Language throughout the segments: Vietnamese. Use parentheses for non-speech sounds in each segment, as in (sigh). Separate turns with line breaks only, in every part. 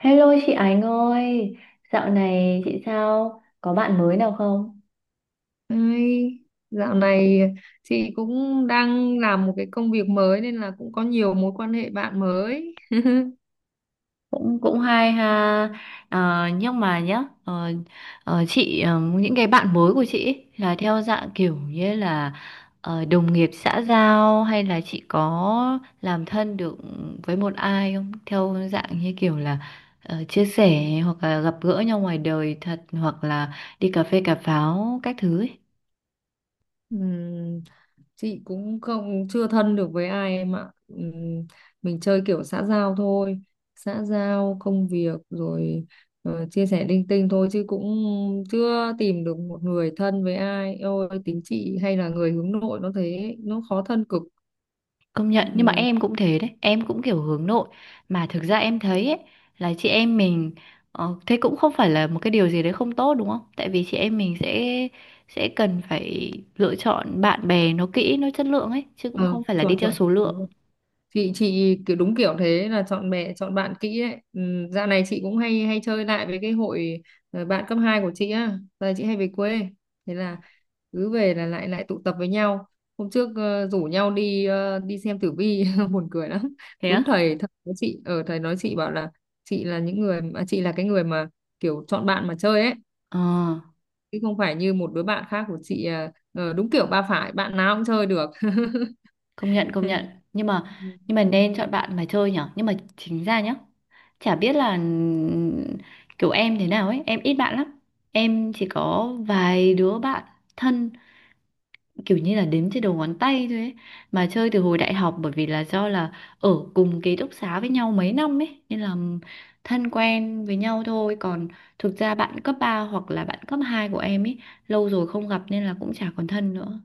Hello chị Ánh ơi, dạo này chị sao? Có bạn mới nào không?
Đấy, dạo này chị cũng đang làm một cái công việc mới nên là cũng có nhiều mối quan hệ bạn mới.
Cũng cũng hay ha. Nhưng mà nhá, chị, những cái bạn mới của chị ấy là theo dạng kiểu như là, đồng nghiệp xã giao hay là chị có làm thân được với một ai không, theo dạng như kiểu là, chia sẻ hoặc là gặp gỡ nhau ngoài đời thật, hoặc là đi cà phê cà pháo các thứ ấy?
Ừm, chị cũng không chưa thân được với ai em ạ. Mình chơi kiểu xã giao thôi, xã giao công việc rồi, chia sẻ linh tinh thôi chứ cũng chưa tìm được một người thân với ai. Ôi, tính chị hay là người hướng nội nó thế, nó khó thân cực.
Công nhận, nhưng mà
Ừm,
em cũng thế đấy. Em cũng kiểu hướng nội. Mà thực ra em thấy ấy, là chị em mình, thế cũng không phải là một cái điều gì đấy không tốt, đúng không? Tại vì chị em mình sẽ cần phải lựa chọn bạn bè. Nó kỹ, nó chất lượng ấy, chứ cũng
ờ,
không phải là đi
Chuẩn
theo
chuẩn.
số lượng.
Chị kiểu đúng kiểu thế là chọn bè chọn bạn kỹ ấy. Ừ, dạo này chị cũng hay hay chơi lại với cái hội, bạn cấp 2 của chị á. Giờ chị hay về quê, thế là cứ về là lại lại tụ tập với nhau. Hôm trước rủ nhau đi, đi xem tử vi (laughs) buồn cười lắm.
Thế
Đúng
á?
thầy thầy nói chị ở, thầy nói chị bảo là chị là chị là cái người mà kiểu chọn bạn mà chơi ấy,
Ờ,
chứ không phải như một đứa bạn khác của chị, đúng kiểu ba phải bạn nào cũng chơi được.
công nhận, công nhận. Nhưng mà
(laughs)
nhưng mà nên chọn bạn mà chơi nhở. Nhưng mà chính ra nhá, chả biết là, kiểu em thế nào ấy. Em ít bạn lắm. Em chỉ có vài đứa bạn thân, kiểu như là đếm trên đầu ngón tay thôi ấy. Mà chơi từ hồi đại học, bởi vì là do là ở cùng ký túc xá với nhau mấy năm ấy, nên là thân quen với nhau thôi. Còn thực ra bạn cấp 3 hoặc là bạn cấp 2 của em ấy, lâu rồi không gặp, nên là cũng chả còn thân nữa.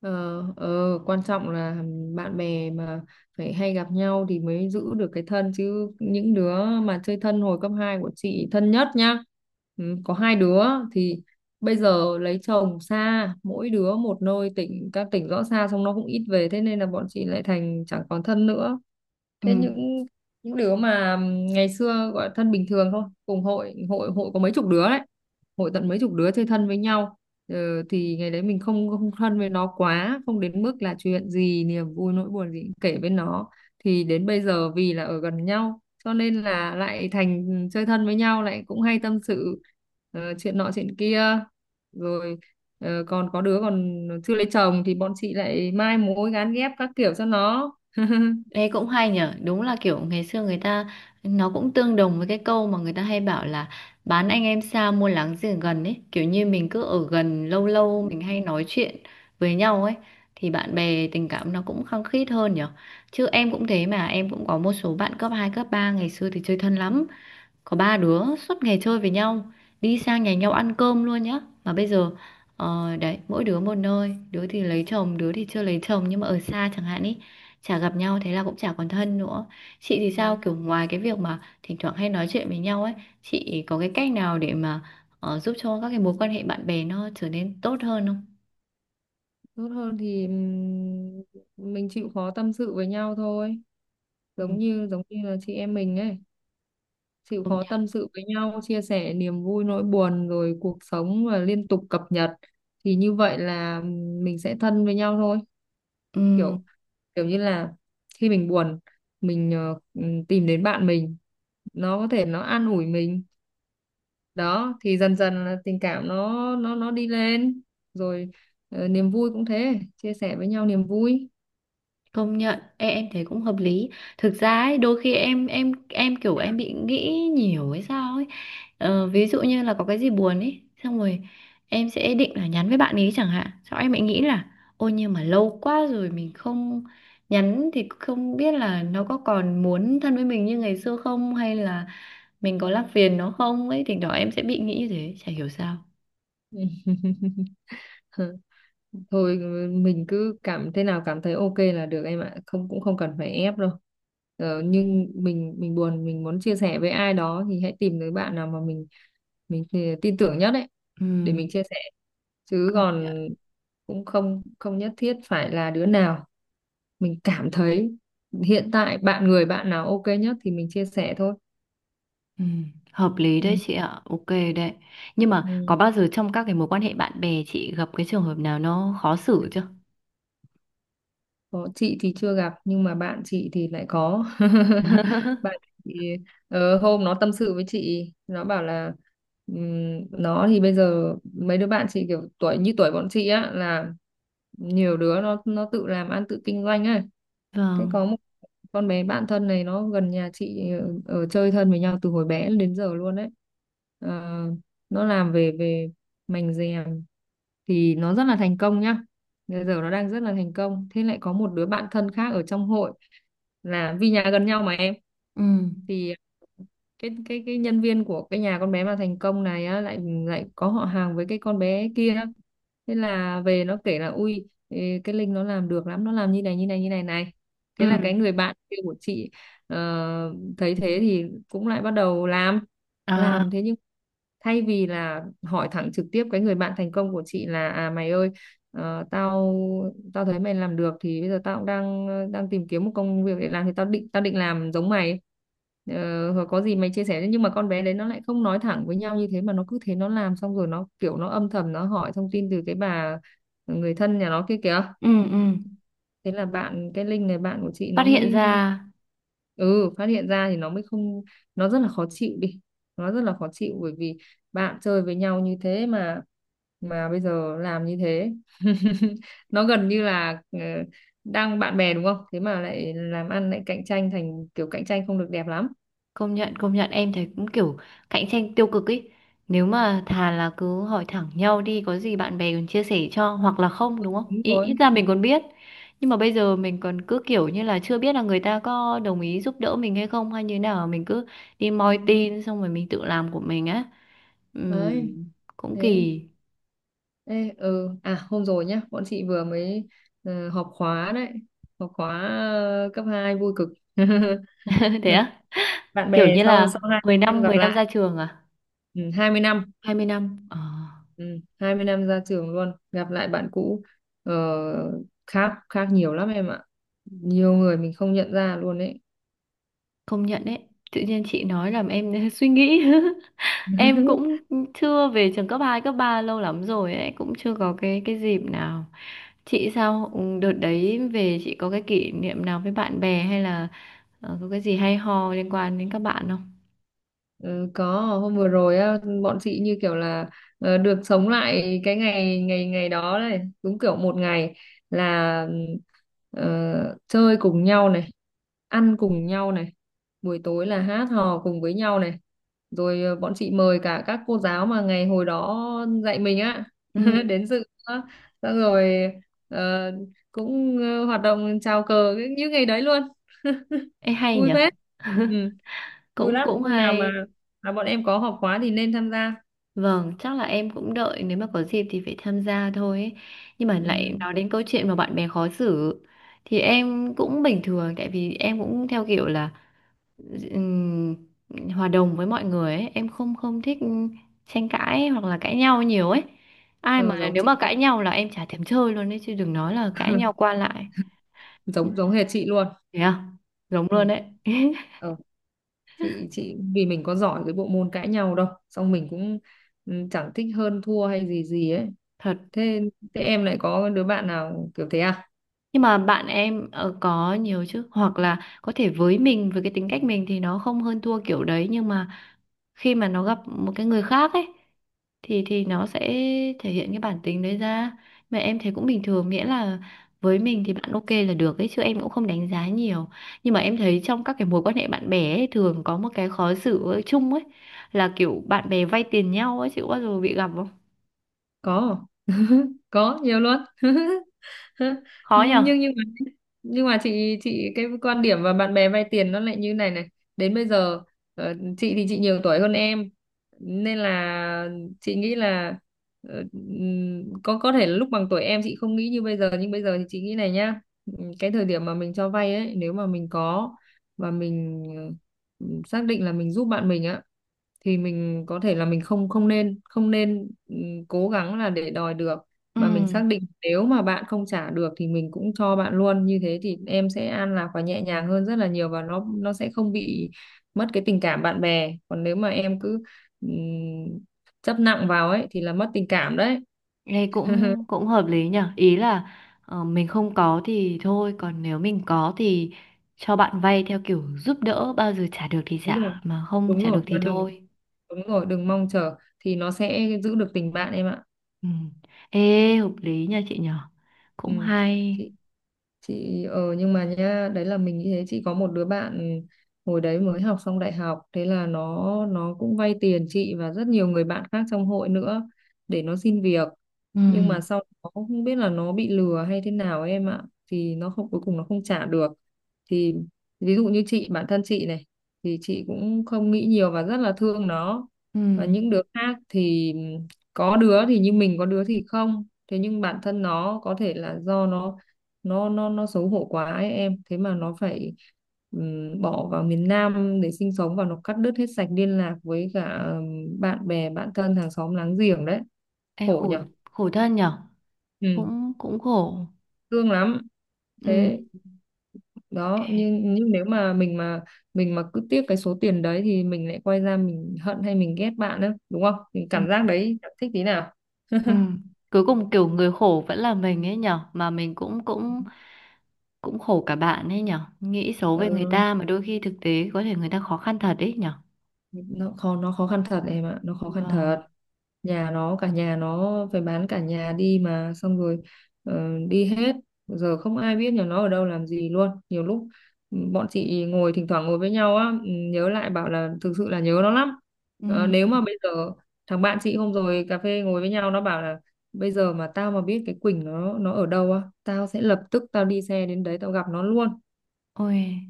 Ờ, ờ, quan trọng là bạn bè mà phải hay gặp nhau thì mới giữ được cái thân, chứ những đứa mà chơi thân hồi cấp 2 của chị thân nhất nhá, ừ, có hai đứa thì bây giờ lấy chồng xa, mỗi đứa một nơi tỉnh, các tỉnh rõ xa, xong nó cũng ít về, thế nên là bọn chị lại thành chẳng còn thân nữa.
Ừ.
Thế những đứa mà ngày xưa gọi là thân bình thường thôi, cùng hội, hội hội có mấy chục đứa đấy, hội tận mấy chục đứa chơi thân với nhau, ờ, thì ngày đấy mình không không thân với nó quá, không đến mức là chuyện gì niềm vui nỗi buồn gì cũng kể với nó, thì đến bây giờ vì là ở gần nhau cho nên là lại thành chơi thân với nhau lại, cũng hay tâm sự chuyện nọ chuyện kia, rồi còn có đứa còn chưa lấy chồng thì bọn chị lại mai mối gán ghép các kiểu cho nó.
Ê, cũng hay nhở. Đúng là kiểu ngày xưa người ta, nó cũng tương đồng với cái câu mà người ta hay bảo là bán anh em xa mua láng giềng gần ấy. Kiểu như mình cứ ở gần lâu lâu, mình hay nói chuyện với nhau ấy, thì bạn bè tình cảm nó cũng khăng khít hơn nhở. Chứ em cũng thế mà. Em cũng có một số bạn cấp hai, cấp ba, ngày xưa thì chơi thân lắm, có ba đứa suốt ngày chơi với nhau, đi sang nhà nhau ăn cơm luôn nhá. Mà bây giờ, đấy, mỗi đứa một nơi, đứa thì lấy chồng, đứa thì chưa lấy chồng nhưng mà ở xa chẳng hạn ý, chả gặp nhau, thế là cũng chả còn thân nữa. Chị thì sao,
Ừ.
kiểu ngoài cái việc mà thỉnh thoảng hay nói chuyện với nhau ấy, chị có cái cách nào để mà, giúp cho các cái mối quan hệ bạn bè nó trở nên tốt hơn không?
Tốt hơn thì mình chịu khó tâm sự với nhau thôi,
Ừ,
giống như là chị em mình ấy, chịu
công
khó
nhận.
tâm sự với nhau, chia sẻ niềm vui nỗi buồn rồi cuộc sống và liên tục cập nhật, thì như vậy là mình sẽ thân với nhau thôi.
Ừ.
Kiểu kiểu như là khi mình buồn mình tìm đến bạn mình, nó có thể nó an ủi mình, đó thì dần dần là tình cảm nó đi lên. Rồi niềm vui cũng thế, chia sẻ với nhau niềm vui.
Công nhận, em thấy cũng hợp lý. Thực ra ấy, đôi khi kiểu em bị nghĩ nhiều hay sao ấy, ví dụ như là có cái gì buồn ấy, xong rồi em sẽ định là nhắn với bạn ấy chẳng hạn, sau em lại nghĩ là ôi nhưng mà lâu quá rồi mình không nhắn thì không biết là nó có còn muốn thân với mình như ngày xưa không, hay là mình có làm phiền nó không ấy, thì đó em sẽ bị nghĩ như thế, chả hiểu sao.
(laughs) Thôi mình cứ cảm thế nào cảm thấy ok là được em ạ, không cũng không cần phải ép đâu. Nhưng mình buồn mình muốn chia sẻ với ai đó thì hãy tìm tới bạn nào mà mình thì tin tưởng nhất đấy,
Ừ,
để mình chia sẻ, chứ
công nhận.
còn cũng không không nhất thiết phải là đứa nào mình cảm thấy hiện tại, người bạn nào ok nhất thì mình chia sẻ thôi.
Ừ, hợp lý đấy
Ừ.
chị ạ, ok. Đấy. Nhưng mà
Ừ.
có bao giờ trong các cái mối quan hệ bạn bè chị gặp cái trường hợp nào nó khó xử chưa?
Có, chị thì chưa gặp nhưng mà bạn chị thì lại có. (laughs) Bạn
(laughs)
chị hôm nó tâm sự với chị nó bảo là nó thì bây giờ mấy đứa bạn chị kiểu tuổi như tuổi bọn chị á, là nhiều đứa nó tự làm ăn tự kinh doanh ấy. Thế có
Vâng.
một con bé bạn thân này, nó gần nhà chị, ở chơi thân với nhau từ hồi bé đến giờ luôn đấy. Ờ, nó làm về về mành rèm, thì nó rất là thành công nhá, bây giờ nó đang rất là thành công. Thế lại có một đứa bạn thân khác ở trong hội, là vì nhà gần nhau mà em,
Ừ.
thì cái nhân viên của cái nhà con bé mà thành công này á, lại lại có họ hàng với cái con bé kia. Thế là về nó kể là, ui ê, cái Linh nó làm được lắm, nó làm như này như này như này này. Thế là
Ừ.
cái người bạn kia của chị ờ, thấy thế thì cũng lại bắt đầu làm
À,
làm thế, nhưng thay vì là hỏi thẳng trực tiếp cái người bạn thành công của chị là, à mày ơi, Ờ, tao tao thấy mày làm được thì bây giờ tao cũng đang đang tìm kiếm một công việc để làm, thì tao định làm giống mày, hoặc có gì mày chia sẻ. Nhưng mà con bé đấy nó lại không nói thẳng với nhau như thế, mà nó cứ thế nó làm, xong rồi nó kiểu nó âm thầm nó hỏi thông tin từ cái bà người thân nhà nó kia kìa.
ừ, ừ.
Thế là bạn cái link này, bạn của chị nó
Phát hiện
mới,
ra.
ừ phát hiện ra, thì nó mới không, nó rất là khó chịu đi, nó rất là khó chịu bởi vì bạn chơi với nhau như thế, mà bây giờ làm như thế. (laughs) Nó gần như là đang bạn bè đúng không, thế mà lại làm ăn, lại cạnh tranh, thành kiểu cạnh tranh không được đẹp lắm.
Công nhận, công nhận, em thấy cũng kiểu cạnh tranh tiêu cực ý. Nếu mà thà là cứ hỏi thẳng nhau đi, có gì bạn bè còn chia sẻ cho hoặc là không, đúng không?
Đúng
Ý, ít
rồi.
ra mình còn biết. Nhưng mà bây giờ mình còn cứ kiểu như là chưa biết là người ta có đồng ý giúp đỡ mình hay không hay như thế nào, mình cứ đi
Ừ.
moi tin xong rồi mình tự làm của mình á.
Đấy.
Ừm, Cũng
Thế
kỳ.
ê, ừ à, hôm rồi nhá, bọn chị vừa mới họp khóa đấy, họp khóa cấp hai, vui cực.
(laughs) Thế
(laughs)
á?
Bạn
Kiểu
bè
như
sau,
là
20
mười
năm
năm
gặp
mười năm ra
lại.
trường à?
Ừ, 20 năm.
20 năm. Ờ,
Ừ, 20 năm ra trường luôn, gặp lại bạn cũ, ờ, khác khác nhiều lắm em ạ, nhiều người mình không nhận ra luôn đấy.
công nhận đấy. Tự nhiên chị nói làm em (laughs) suy nghĩ. (laughs) Em
(laughs)
cũng chưa về trường cấp hai, cấp 3 lâu lắm rồi ấy, cũng chưa có cái dịp nào. Chị sao? Ừ, đợt đấy về chị có cái kỷ niệm nào với bạn bè, hay là, có cái gì hay ho liên quan đến các bạn không?
Ừ, có hôm vừa rồi á, bọn chị như kiểu là được sống lại cái ngày ngày ngày đó này, đúng kiểu một ngày là, chơi cùng nhau này, ăn cùng nhau này, buổi tối là hát hò cùng với nhau này, rồi bọn chị mời cả các cô giáo mà ngày hồi đó dạy mình á
Ừ.
(laughs) đến dự nữa. Xong rồi ờ, cũng hoạt động chào cờ như ngày đấy luôn. (laughs)
Ê, hay
Vui
nhở.
phết. Ừ, vui
Cũng
lắm,
cũng
hôm nào mà
hay.
bọn em có họp khóa thì nên tham gia.
Vâng, chắc là em cũng đợi nếu mà có dịp thì phải tham gia thôi ấy. Nhưng mà
Ừ.
lại nói đến câu chuyện mà bạn bè khó xử, thì em cũng bình thường, tại vì em cũng theo kiểu là, ừm, hòa đồng với mọi người ấy. Em không không thích tranh cãi hoặc là cãi nhau nhiều ấy. Ai
ờ,
mà
Giống
nếu
chị
mà
ấy,
cãi nhau là em chả thèm chơi luôn ấy, chứ đừng nói là cãi nhau qua lại. Ừ.
giống giống hệt chị luôn.
Thế à? Giống luôn
Ừ.
đấy. (laughs)
Ờ. Chị vì mình có giỏi cái bộ môn cãi nhau đâu, xong mình cũng, ừ, chẳng thích hơn thua hay gì gì ấy.
Thật.
Thế thế em lại có đứa bạn nào kiểu thế à?
Nhưng mà bạn em, có nhiều chứ, hoặc là có thể với mình, với cái tính cách mình thì nó không hơn thua kiểu đấy, nhưng mà khi mà nó gặp một cái người khác ấy, thì nó sẽ thể hiện cái bản tính đấy ra. Mà em thấy cũng bình thường, miễn là với mình thì bạn ok là được ấy, chứ em cũng không đánh giá nhiều. Nhưng mà em thấy trong các cái mối quan hệ bạn bè ấy, thường có một cái khó xử ở chung ấy, là kiểu bạn bè vay tiền nhau ấy. Chị có bao giờ bị gặp không?
Có, (laughs) có nhiều luôn. (laughs) (laughs)
Khó
nhưng
nhở.
nhưng nhưng mà nhưng mà chị cái quan điểm và bạn bè vay tiền nó lại như này này. Đến bây giờ chị thì chị nhiều tuổi hơn em, nên là chị nghĩ là, có thể là lúc bằng tuổi em chị không nghĩ như bây giờ, nhưng bây giờ thì chị nghĩ này nhá. Cái thời điểm mà mình cho vay ấy, nếu mà mình có và mình, xác định là mình giúp bạn mình á, thì mình có thể là mình không không nên không nên cố gắng là để đòi được,
Ừ.
mà mình xác định nếu mà bạn không trả được thì mình cũng cho bạn luôn. Như thế thì em sẽ an lạc và nhẹ nhàng hơn rất là nhiều, và nó sẽ không bị mất cái tình cảm bạn bè. Còn nếu mà em cứ ừm, chấp nặng vào ấy thì là mất tình cảm đấy.
Nghe cũng cũng hợp lý nhở. Ý là, mình không có thì thôi, còn nếu mình có thì cho bạn vay theo kiểu giúp đỡ, bao giờ trả được thì
Đúng rồi,
trả, mà không
đúng
trả được
rồi,
thì
và đừng,
thôi.
đúng rồi, đừng mong chờ, thì nó sẽ giữ được tình bạn em ạ.
Ừ. Ê, hợp lý nha chị nhở.
Ừ.
Cũng hay.
chị chị nhưng mà nhá, đấy là mình như thế. Chị có một đứa bạn hồi đấy mới học xong đại học, thế là nó cũng vay tiền chị và rất nhiều người bạn khác trong hội nữa để nó xin việc,
Ừ.
nhưng mà sau đó không biết là nó bị lừa hay thế nào em ạ, thì nó không, cuối cùng nó không trả được. Thì ví dụ như chị, bản thân chị này thì chị cũng không nghĩ nhiều và rất là thương nó.
Ừ.
Và những đứa khác thì có đứa thì như mình, có đứa thì không. Thế nhưng bản thân nó có thể là do nó xấu hổ quá ấy em, thế mà nó phải bỏ vào miền Nam để sinh sống và nó cắt đứt hết sạch liên lạc với cả, bạn bè, bạn thân, hàng xóm láng giềng đấy.
Ê,
Khổ
khổ.
nhở.
Khổ thân nhở.
Ừ,
Cũng cũng khổ.
thương lắm.
Ừ.
Thế đó,
Ê.
nhưng nếu mà mình mà cứ tiếc cái số tiền đấy thì mình lại quay ra mình hận hay mình ghét bạn đó đúng không, mình
Ừ.
cảm giác đấy chẳng thích tí nào.
Ừ. Cuối cùng kiểu người khổ vẫn là mình ấy nhở. Mà mình cũng cũng cũng khổ cả bạn ấy nhở, nghĩ xấu về người
Ừ.
ta mà đôi khi thực tế có thể người ta khó khăn thật ấy nhở.
Nó khó khăn thật em ạ, nó khó khăn thật.
Vâng.
Nhà nó, cả nhà nó phải bán cả nhà đi mà, xong rồi đi hết, giờ không ai biết nhà nó ở đâu làm gì luôn. Nhiều lúc, bọn chị ngồi thỉnh thoảng ngồi với nhau á, nhớ lại bảo là thực sự là nhớ nó lắm. Ờ, nếu
Ừm.
mà bây giờ thằng bạn chị hôm rồi cà phê ngồi với nhau nó bảo là, bây giờ mà tao mà biết cái Quỳnh nó ở đâu á, tao sẽ lập tức tao đi xe đến đấy tao gặp nó luôn.
Ôi,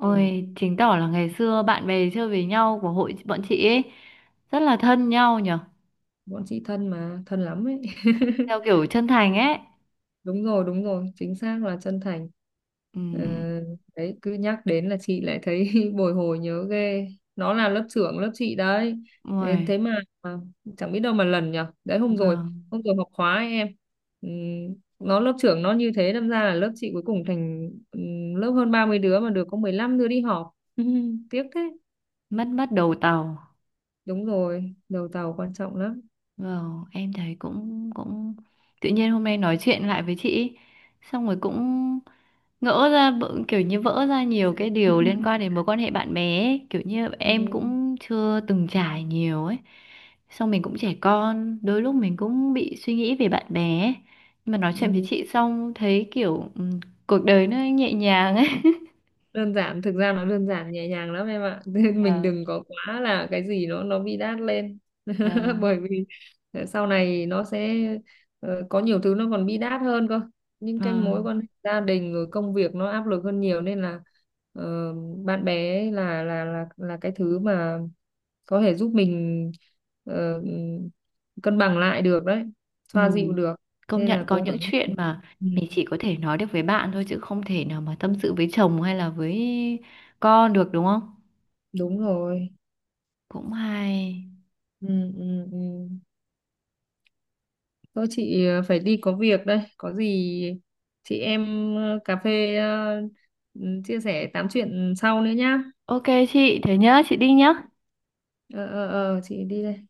Ừ,
chứng tỏ là ngày xưa bạn bè chơi với nhau của hội bọn chị ấy rất là thân nhau nhở,
bọn chị thân mà thân lắm ấy.
theo
(laughs)
kiểu chân thành ấy.
Đúng rồi, đúng rồi, chính xác là chân thành. Ờ,
Ừm.
đấy cứ nhắc đến là chị lại thấy (laughs) bồi hồi nhớ ghê. Nó là lớp trưởng lớp chị đấy. thế,
Ôi.
thế mà, mà chẳng biết đâu mà lần nhở. Đấy hôm rồi,
Vâng.
học khóa ấy em, nó lớp trưởng nó như thế đâm ra là lớp chị cuối cùng thành, lớp hơn 30 đứa mà được có 15 đứa đi họp. (laughs) Tiếc thế.
Mất mất đầu tàu.
Đúng rồi, đầu tàu quan trọng lắm.
Vâng, em thấy cũng cũng tự nhiên hôm nay nói chuyện lại với chị ấy, xong rồi cũng ngỡ ra, kiểu như vỡ ra nhiều cái điều liên
(laughs)
quan đến mối quan hệ bạn bè ấy. Kiểu như em
Ừm,
cũng chưa từng trải nhiều ấy, xong mình cũng trẻ con, đôi lúc mình cũng bị suy nghĩ về bạn bè ấy. Nhưng mà nói chuyện với
ừm.
chị xong thấy kiểu, cuộc đời nó nhẹ nhàng ấy.
Đơn giản, thực ra nó đơn giản nhẹ nhàng lắm em ạ, (laughs) nên mình
Và
đừng có quá là cái gì nó bi đát lên. (laughs)
và
Bởi vì sau này nó sẽ có nhiều thứ nó còn bi đát hơn cơ, những cái
và
mối quan hệ gia đình rồi công việc nó áp lực hơn nhiều, nên là ờ, bạn bè ấy là cái thứ mà có thể giúp mình ờ, cân bằng lại được đấy,
Ừ.
xoa dịu được,
Công
nên
nhận
là
có
cố
những
gắng.
chuyện mà
ừ,
mình chỉ có thể nói được với bạn thôi, chứ không thể nào mà tâm sự với chồng hay là với con được, đúng không?
Đúng rồi,
Cũng hay.
ừ, ừ, ừ. Thôi chị phải đi có việc đây. Có gì chị em cà phê, chia sẻ tám chuyện sau nữa nhá.
Ok, chị thế nhá, chị đi nhá.
Ờ ờ ờ, chị đi đây.